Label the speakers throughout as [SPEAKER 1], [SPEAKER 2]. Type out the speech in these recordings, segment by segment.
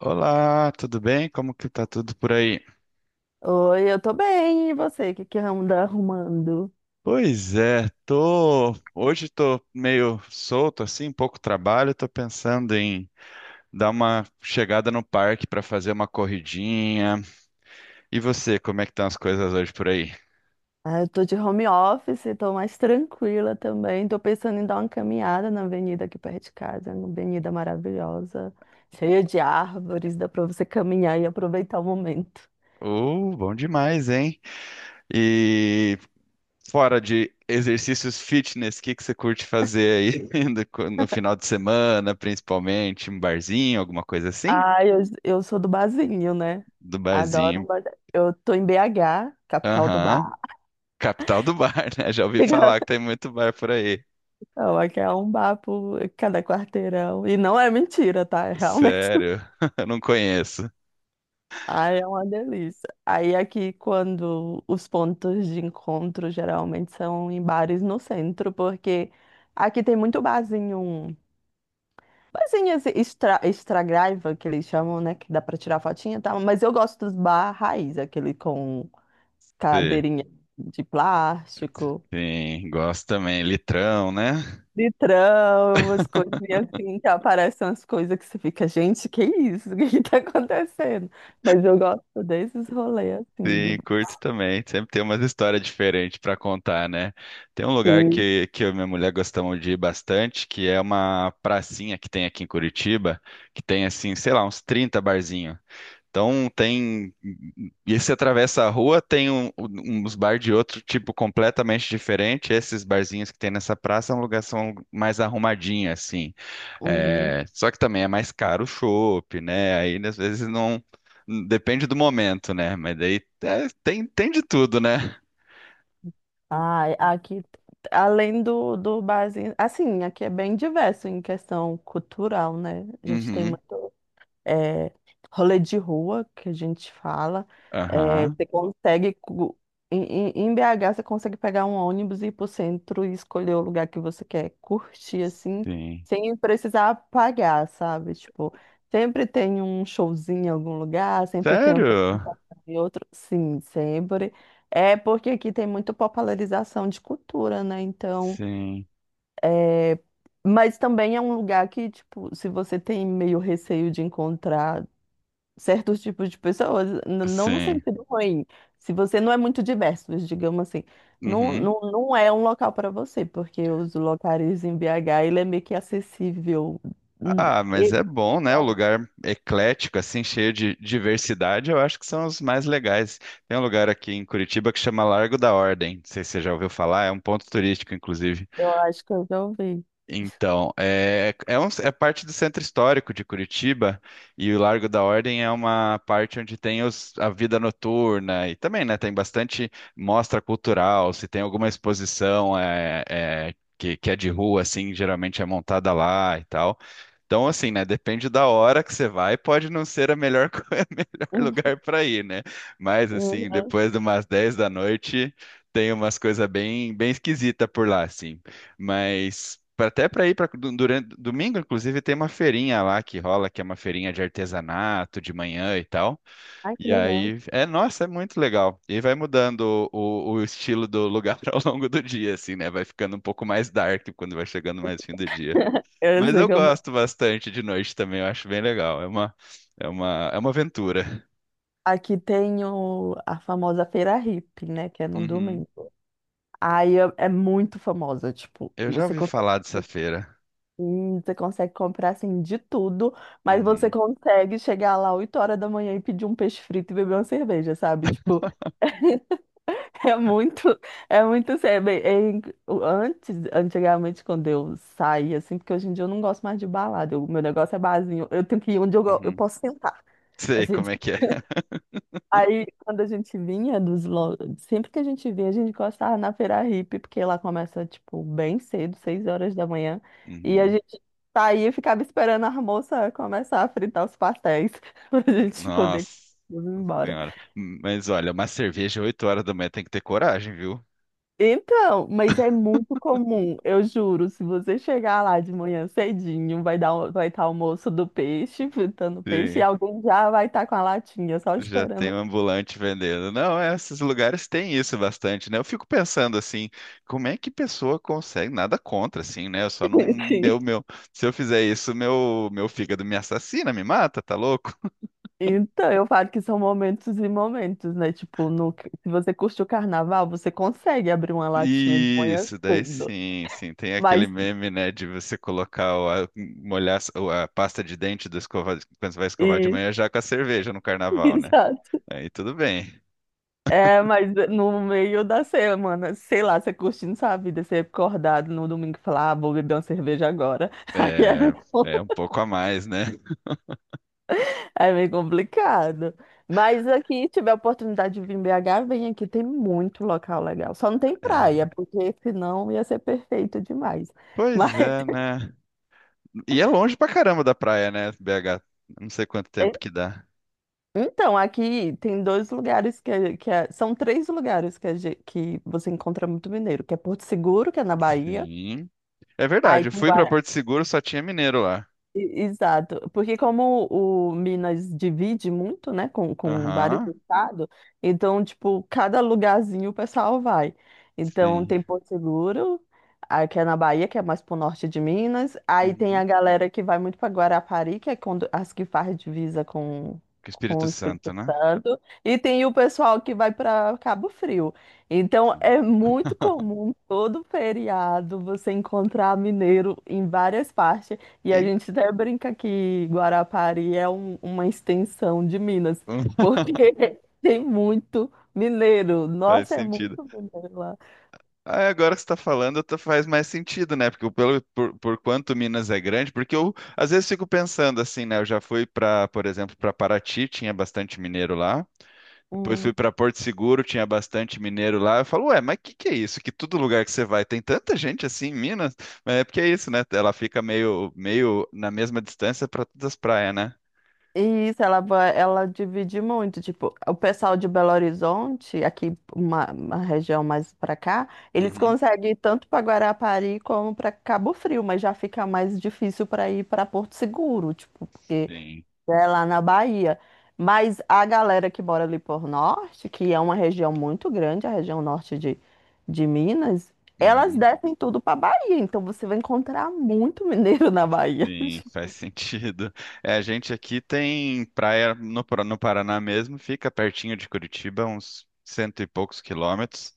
[SPEAKER 1] Olá, tudo bem? Como que tá tudo por aí?
[SPEAKER 2] Oi, eu tô bem. E você? O que que anda arrumando?
[SPEAKER 1] Pois é, tô hoje, tô meio solto assim, pouco trabalho, tô pensando em dar uma chegada no parque para fazer uma corridinha. E você, como é que estão as coisas hoje por aí?
[SPEAKER 2] Ah, eu tô de home office, tô mais tranquila também. Tô pensando em dar uma caminhada na avenida aqui perto de casa, uma avenida maravilhosa, cheia de árvores, dá pra você caminhar e aproveitar o momento.
[SPEAKER 1] Bom demais, hein? E fora de exercícios fitness, o que que você curte fazer aí no final de semana, principalmente um barzinho, alguma coisa assim?
[SPEAKER 2] Ah, eu sou do barzinho, né?
[SPEAKER 1] Do
[SPEAKER 2] Adoro um
[SPEAKER 1] barzinho.
[SPEAKER 2] bar. Eu tô em BH, capital do
[SPEAKER 1] Aham.
[SPEAKER 2] bar.
[SPEAKER 1] Capital do bar, né? Já ouvi falar que tem muito bar por aí.
[SPEAKER 2] Não, aqui é um bar por cada quarteirão. E não é mentira, tá? É realmente.
[SPEAKER 1] Sério, eu não conheço.
[SPEAKER 2] Ai, é uma delícia. Aí aqui, quando os pontos de encontro geralmente são em bares no centro, porque aqui tem muito barzinho, barzinho assim, extra, extra graiva, que eles chamam, né, que dá pra tirar fotinha e tal, mas eu gosto dos bar raiz, aquele com
[SPEAKER 1] Sim,
[SPEAKER 2] cadeirinha de plástico,
[SPEAKER 1] sim, gosto também. Litrão, né?
[SPEAKER 2] litrão, umas coisinhas assim, que aparecem umas coisas que você fica, gente, que isso? O que que tá acontecendo? Mas eu gosto desses rolês, assim, de...
[SPEAKER 1] Sim, curto também. Sempre tem umas histórias diferentes para contar, né? Tem um lugar
[SPEAKER 2] Sim.
[SPEAKER 1] que eu e minha mulher gostamos de ir bastante, que é uma pracinha que tem aqui em Curitiba, que tem assim, sei lá, uns 30 barzinhos. Então tem. E se atravessa a rua, tem uns bar de outro tipo completamente diferente. Esses barzinhos que tem nessa praça é um lugar são mais arrumadinho, assim.
[SPEAKER 2] Uhum.
[SPEAKER 1] É, só que também é mais caro o chopp, né? Aí às vezes não. Depende do momento, né? Mas daí é, tem de tudo, né?
[SPEAKER 2] Ah, aqui, além do barzinho, assim, aqui é bem diverso em questão cultural, né? A gente tem
[SPEAKER 1] Uhum.
[SPEAKER 2] muito é, rolê de rua, que a gente fala. É,
[SPEAKER 1] Aham.
[SPEAKER 2] você consegue, em BH, você consegue pegar um ônibus e ir pro centro e escolher o lugar que você quer curtir, assim,
[SPEAKER 1] Sim.
[SPEAKER 2] sem precisar pagar, sabe? Tipo, sempre tem um showzinho em algum lugar, sempre tem um
[SPEAKER 1] Sério?
[SPEAKER 2] apresentação em outro. Sim, sempre. É porque aqui tem muita popularização de cultura, né? Então,
[SPEAKER 1] Sim.
[SPEAKER 2] é, mas também é um lugar que, tipo, se você tem meio receio de encontrar certos tipos de pessoas, não no
[SPEAKER 1] Sim.
[SPEAKER 2] sentido ruim. Se você não é muito diverso, digamos assim, não,
[SPEAKER 1] Uhum.
[SPEAKER 2] não, não é um local para você, porque os locais em BH, ele é meio que acessível. Hum,
[SPEAKER 1] Ah, mas
[SPEAKER 2] e-
[SPEAKER 1] é bom, né? O
[SPEAKER 2] Então,
[SPEAKER 1] lugar eclético, assim, cheio de diversidade, eu acho que são os mais legais. Tem um lugar aqui em Curitiba que chama Largo da Ordem. Não sei se você já ouviu falar, é um ponto turístico, inclusive.
[SPEAKER 2] eu acho que eu já ouvi.
[SPEAKER 1] Então, é parte do centro histórico de Curitiba, e o Largo da Ordem é uma parte onde tem a vida noturna e também, né? Tem bastante mostra cultural, se tem alguma exposição, que é de rua, assim, geralmente é montada lá e tal. Então, assim, né? Depende da hora que você vai, pode não ser a melhor, a melhor
[SPEAKER 2] Hum,
[SPEAKER 1] lugar para ir, né? Mas, assim,
[SPEAKER 2] uhum.
[SPEAKER 1] depois de umas 10 da noite, tem umas coisas bem, bem esquisitas por lá, assim. Mas, até para ir para durante domingo, inclusive, tem uma feirinha lá que rola, que é uma feirinha de artesanato de manhã e tal.
[SPEAKER 2] Ai, que
[SPEAKER 1] E
[SPEAKER 2] legal.
[SPEAKER 1] aí, é, nossa, é muito legal. E vai mudando o estilo do lugar ao longo do dia, assim, né? Vai ficando um pouco mais dark quando vai chegando mais fim do dia.
[SPEAKER 2] Eu
[SPEAKER 1] Mas
[SPEAKER 2] sei
[SPEAKER 1] eu
[SPEAKER 2] como... é.
[SPEAKER 1] gosto bastante de noite também, eu acho bem legal. É uma aventura.
[SPEAKER 2] Aqui tem a famosa Feira Hippie, né? Que é no
[SPEAKER 1] Uhum.
[SPEAKER 2] domingo. Aí é muito famosa, tipo,
[SPEAKER 1] Eu já ouvi falar dessa feira.
[SPEAKER 2] Você consegue comprar assim de tudo, mas você
[SPEAKER 1] Uhum,
[SPEAKER 2] consegue chegar lá 8 horas da manhã e pedir um peixe frito e beber uma cerveja, sabe? Tipo, é muito, é muito sério. Bem, Antes, antigamente, quando eu saía, assim, porque hoje em dia eu não gosto mais de balada, o meu negócio é barzinho, eu tenho que ir onde eu
[SPEAKER 1] uhum.
[SPEAKER 2] posso sentar.
[SPEAKER 1] Sei como é que é.
[SPEAKER 2] Aí, quando a gente vinha dos. Lo- Sempre que a gente vinha, a gente gostava na Feira Hippie, porque lá começa, tipo, bem cedo, 6 horas da manhã. E a
[SPEAKER 1] Uhum.
[SPEAKER 2] gente saía e ficava esperando a moça começar a fritar os pastéis, pra gente
[SPEAKER 1] Nossa
[SPEAKER 2] poder ir embora.
[SPEAKER 1] senhora. Mas olha, uma cerveja 8 horas da manhã tem que ter coragem, viu?
[SPEAKER 2] Então, mas é muito comum, eu juro, se você chegar lá de manhã cedinho, vai dar, vai estar o moço do peixe, fritando peixe, e
[SPEAKER 1] Sim.
[SPEAKER 2] alguém já vai estar com a latinha, só
[SPEAKER 1] Já tem
[SPEAKER 2] esperando.
[SPEAKER 1] um ambulante vendendo. Não, é, esses lugares têm isso bastante, né? Eu fico pensando assim, como é que pessoa consegue? Nada contra, assim, né? Eu só
[SPEAKER 2] o
[SPEAKER 1] não,
[SPEAKER 2] peixe.
[SPEAKER 1] meu, se eu fizer isso, meu fígado me assassina, me mata, tá louco?
[SPEAKER 2] Então, eu falo que são momentos e momentos, né? Tipo, se você curte o carnaval, você consegue abrir uma latinha de manhã
[SPEAKER 1] Isso, daí
[SPEAKER 2] cedo.
[SPEAKER 1] sim, sim. Tem aquele
[SPEAKER 2] Mas,
[SPEAKER 1] meme, né, de você colocar, molhar a pasta de dente do escova, quando você vai escovar de
[SPEAKER 2] e,
[SPEAKER 1] manhã já com a cerveja no carnaval, né?
[SPEAKER 2] exato.
[SPEAKER 1] Aí tudo bem.
[SPEAKER 2] É, mas no meio da semana, sei lá, você curtindo sua vida, você acordado no domingo e falar, ah, vou beber uma cerveja agora. Aí é meio,
[SPEAKER 1] É, é um pouco a mais, né?
[SPEAKER 2] é meio complicado. Mas aqui, tiver a oportunidade de vir em BH, vem aqui, tem muito local legal. Só não tem
[SPEAKER 1] É.
[SPEAKER 2] praia, porque senão ia ser perfeito demais. Mas
[SPEAKER 1] Pois é, né? E é longe pra caramba da praia, né, BH? Não sei quanto tempo que dá.
[SPEAKER 2] Então, aqui tem dois lugares que, são três lugares que, que você encontra muito mineiro, que é Porto Seguro, que é na Bahia,
[SPEAKER 1] Sim. É
[SPEAKER 2] aí
[SPEAKER 1] verdade, eu
[SPEAKER 2] tem
[SPEAKER 1] fui pra Porto Seguro, só tinha mineiro lá.
[SPEAKER 2] Exato, porque como o Minas divide muito, né, com, vários
[SPEAKER 1] Aham,
[SPEAKER 2] estados, então, tipo, cada lugarzinho o pessoal vai. Então,
[SPEAKER 1] sim.
[SPEAKER 2] tem Porto Seguro, aí que é na Bahia, que é mais pro norte de Minas, aí tem
[SPEAKER 1] Uhum.
[SPEAKER 2] a galera que vai muito para Guarapari, que é quando, as que faz divisa com,
[SPEAKER 1] Com o
[SPEAKER 2] com
[SPEAKER 1] Espírito
[SPEAKER 2] o
[SPEAKER 1] Santo,
[SPEAKER 2] Espírito
[SPEAKER 1] né?
[SPEAKER 2] Santo, e tem o pessoal que vai para Cabo Frio. Então,
[SPEAKER 1] Sim.
[SPEAKER 2] é muito comum todo feriado você encontrar mineiro em várias partes. E a gente até brinca que Guarapari é uma extensão de Minas,
[SPEAKER 1] Então,
[SPEAKER 2] porque tem muito mineiro.
[SPEAKER 1] faz
[SPEAKER 2] Nossa, é muito
[SPEAKER 1] sentido.
[SPEAKER 2] mineiro lá.
[SPEAKER 1] Ah, agora que você está falando, faz mais sentido, né? Porque por quanto Minas é grande, porque eu às vezes fico pensando assim, né? Eu já fui para, por exemplo, para Paraty, tinha bastante mineiro lá. Depois
[SPEAKER 2] Hum.
[SPEAKER 1] fui para Porto Seguro, tinha bastante mineiro lá. Eu falo, ué, mas que é isso? Que todo lugar que você vai tem tanta gente assim em Minas? Mas é porque é isso, né? Ela fica meio, meio na mesma distância para todas as praias, né?
[SPEAKER 2] E isso, ela divide muito. Tipo, o pessoal de Belo Horizonte, aqui uma região mais pra cá, eles
[SPEAKER 1] Uhum.
[SPEAKER 2] conseguem ir tanto para Guarapari como para Cabo Frio, mas já fica mais difícil para ir para Porto Seguro, tipo, porque
[SPEAKER 1] Sim.
[SPEAKER 2] é lá na Bahia. Mas a galera que mora ali por norte, que é uma região muito grande, a região norte de Minas, elas
[SPEAKER 1] Uhum.
[SPEAKER 2] descem tudo pra Bahia. Então você vai encontrar muito mineiro na Bahia.
[SPEAKER 1] Sim, faz sentido. É, a gente aqui tem praia no Paraná mesmo, fica pertinho de Curitiba, uns cento e poucos quilômetros,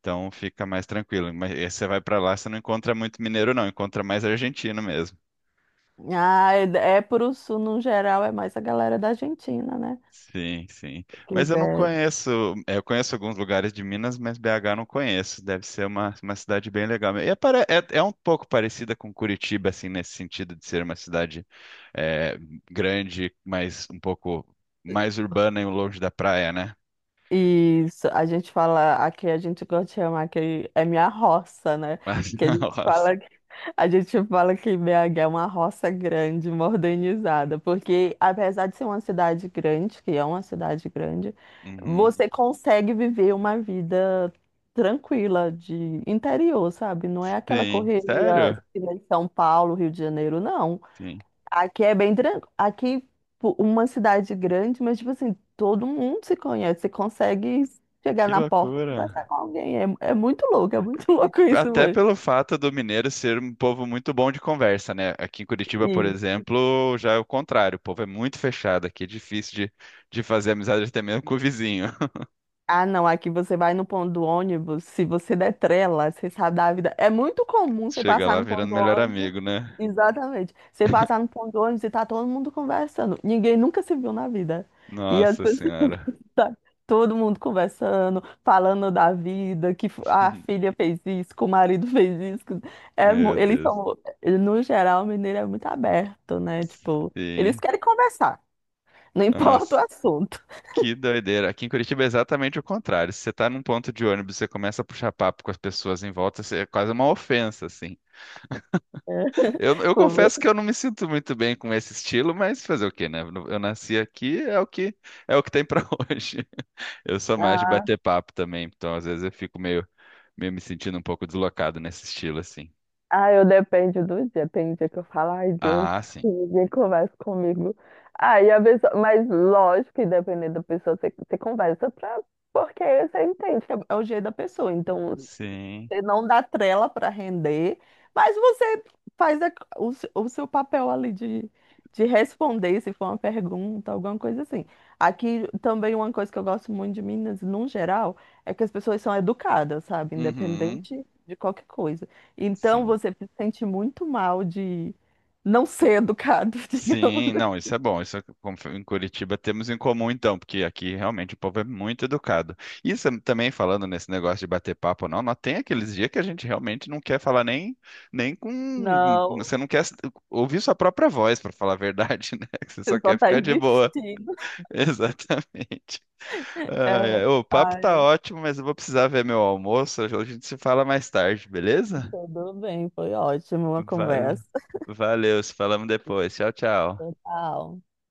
[SPEAKER 1] então fica mais tranquilo. Mas aí você vai para lá, você não encontra muito mineiro, não, encontra mais argentino mesmo.
[SPEAKER 2] Ah, é pro sul, no geral, é mais a galera da Argentina, né?
[SPEAKER 1] Sim, sim.
[SPEAKER 2] Que
[SPEAKER 1] Mas eu não
[SPEAKER 2] desce.
[SPEAKER 1] conheço. Eu conheço alguns lugares de Minas, mas BH eu não conheço. Deve ser uma cidade bem legal. E é um pouco parecida com Curitiba, assim, nesse sentido de ser uma cidade é, grande, mas um pouco mais urbana e longe da praia, né?
[SPEAKER 2] Isso, a gente fala, aqui a gente gosta de chamar que é minha roça, né?
[SPEAKER 1] Mas,
[SPEAKER 2] Que
[SPEAKER 1] nossa.
[SPEAKER 2] a gente fala que BH é uma roça grande, modernizada, porque apesar de ser uma cidade grande, que é uma cidade grande,
[SPEAKER 1] Uhum.
[SPEAKER 2] você consegue viver uma vida tranquila de interior, sabe? Não é aquela
[SPEAKER 1] Sim.
[SPEAKER 2] correria
[SPEAKER 1] Sério?
[SPEAKER 2] que nem São Paulo, Rio de Janeiro, não.
[SPEAKER 1] Sim.
[SPEAKER 2] Aqui é bem tranquilo. Aqui, uma cidade grande, mas, tipo assim, todo mundo se conhece. Você consegue chegar
[SPEAKER 1] Que
[SPEAKER 2] na porta e conversar
[SPEAKER 1] loucura.
[SPEAKER 2] com alguém. É muito louco, é muito louco isso,
[SPEAKER 1] Até
[SPEAKER 2] mano.
[SPEAKER 1] pelo fato do mineiro ser um povo muito bom de conversa, né? Aqui em Curitiba, por exemplo, já é o contrário. O povo é muito fechado aqui, é difícil de fazer amizade até mesmo com o vizinho.
[SPEAKER 2] Ah, não, aqui você vai no ponto do ônibus, se você der trela, você sabe da vida. É muito comum você
[SPEAKER 1] Chega
[SPEAKER 2] passar
[SPEAKER 1] lá
[SPEAKER 2] no ponto
[SPEAKER 1] virando
[SPEAKER 2] do
[SPEAKER 1] melhor
[SPEAKER 2] ônibus.
[SPEAKER 1] amigo, né?
[SPEAKER 2] Exatamente. Você passar no ponto do ônibus e tá todo mundo conversando. Ninguém nunca se viu na vida. E as
[SPEAKER 1] Nossa
[SPEAKER 2] pessoas
[SPEAKER 1] Senhora.
[SPEAKER 2] tá todo mundo conversando, falando da vida, que a filha fez isso, que o marido fez isso. É,
[SPEAKER 1] Meu
[SPEAKER 2] eles
[SPEAKER 1] Deus.
[SPEAKER 2] são, no geral, o mineiro é muito aberto, né? Tipo, eles
[SPEAKER 1] Sim.
[SPEAKER 2] querem conversar, não importa o
[SPEAKER 1] Nossa,
[SPEAKER 2] assunto.
[SPEAKER 1] que doideira. Aqui em Curitiba é exatamente o contrário. Se você tá num ponto de ônibus, você começa a puxar papo com as pessoas em volta, é quase uma ofensa, assim.
[SPEAKER 2] É.
[SPEAKER 1] Eu
[SPEAKER 2] Pô,
[SPEAKER 1] confesso que eu não me sinto muito bem com esse estilo, mas fazer o quê, né? Eu nasci aqui, é o que tem pra hoje. Eu sou mais de bater papo também, então às vezes eu fico meio, meio me sentindo um pouco deslocado nesse estilo, assim.
[SPEAKER 2] Ah, eu depende do dia. Tem dia que eu falo, ai Deus,
[SPEAKER 1] Ah, sim.
[SPEAKER 2] ninguém conversa comigo. Aí a pessoa, mas lógico que dependendo da pessoa, você conversa pra, porque você entende que é o jeito da pessoa. Então,
[SPEAKER 1] Sim.
[SPEAKER 2] você não dá trela para render, mas você faz a- o, se- o seu papel ali de, responder se for uma pergunta, alguma coisa assim. Aqui também uma coisa que eu gosto muito de Minas, num geral, é que as pessoas são educadas, sabe?
[SPEAKER 1] Uhum.
[SPEAKER 2] Independente de qualquer coisa. Então
[SPEAKER 1] Sim.
[SPEAKER 2] você se sente muito mal de não ser educado, digamos.
[SPEAKER 1] Sim, não, isso é bom. Isso é em Curitiba temos em comum, então, porque aqui realmente o povo é muito educado. Isso também falando nesse negócio de bater papo, não, nós tem aqueles dias que a gente realmente não quer falar nem, com.
[SPEAKER 2] Não,
[SPEAKER 1] Você não quer ouvir sua própria voz, para falar a verdade, né? Que você só
[SPEAKER 2] você só
[SPEAKER 1] quer
[SPEAKER 2] tá
[SPEAKER 1] ficar de boa.
[SPEAKER 2] existindo.
[SPEAKER 1] Exatamente. Ai, ai,
[SPEAKER 2] É.
[SPEAKER 1] o papo tá
[SPEAKER 2] Ai,
[SPEAKER 1] ótimo, mas eu vou precisar ver meu almoço. A gente se fala mais tarde, beleza?
[SPEAKER 2] tudo bem, foi ótimo a
[SPEAKER 1] Vale,
[SPEAKER 2] conversa.
[SPEAKER 1] valeu, se falamos depois. Tchau, tchau.
[SPEAKER 2] Total.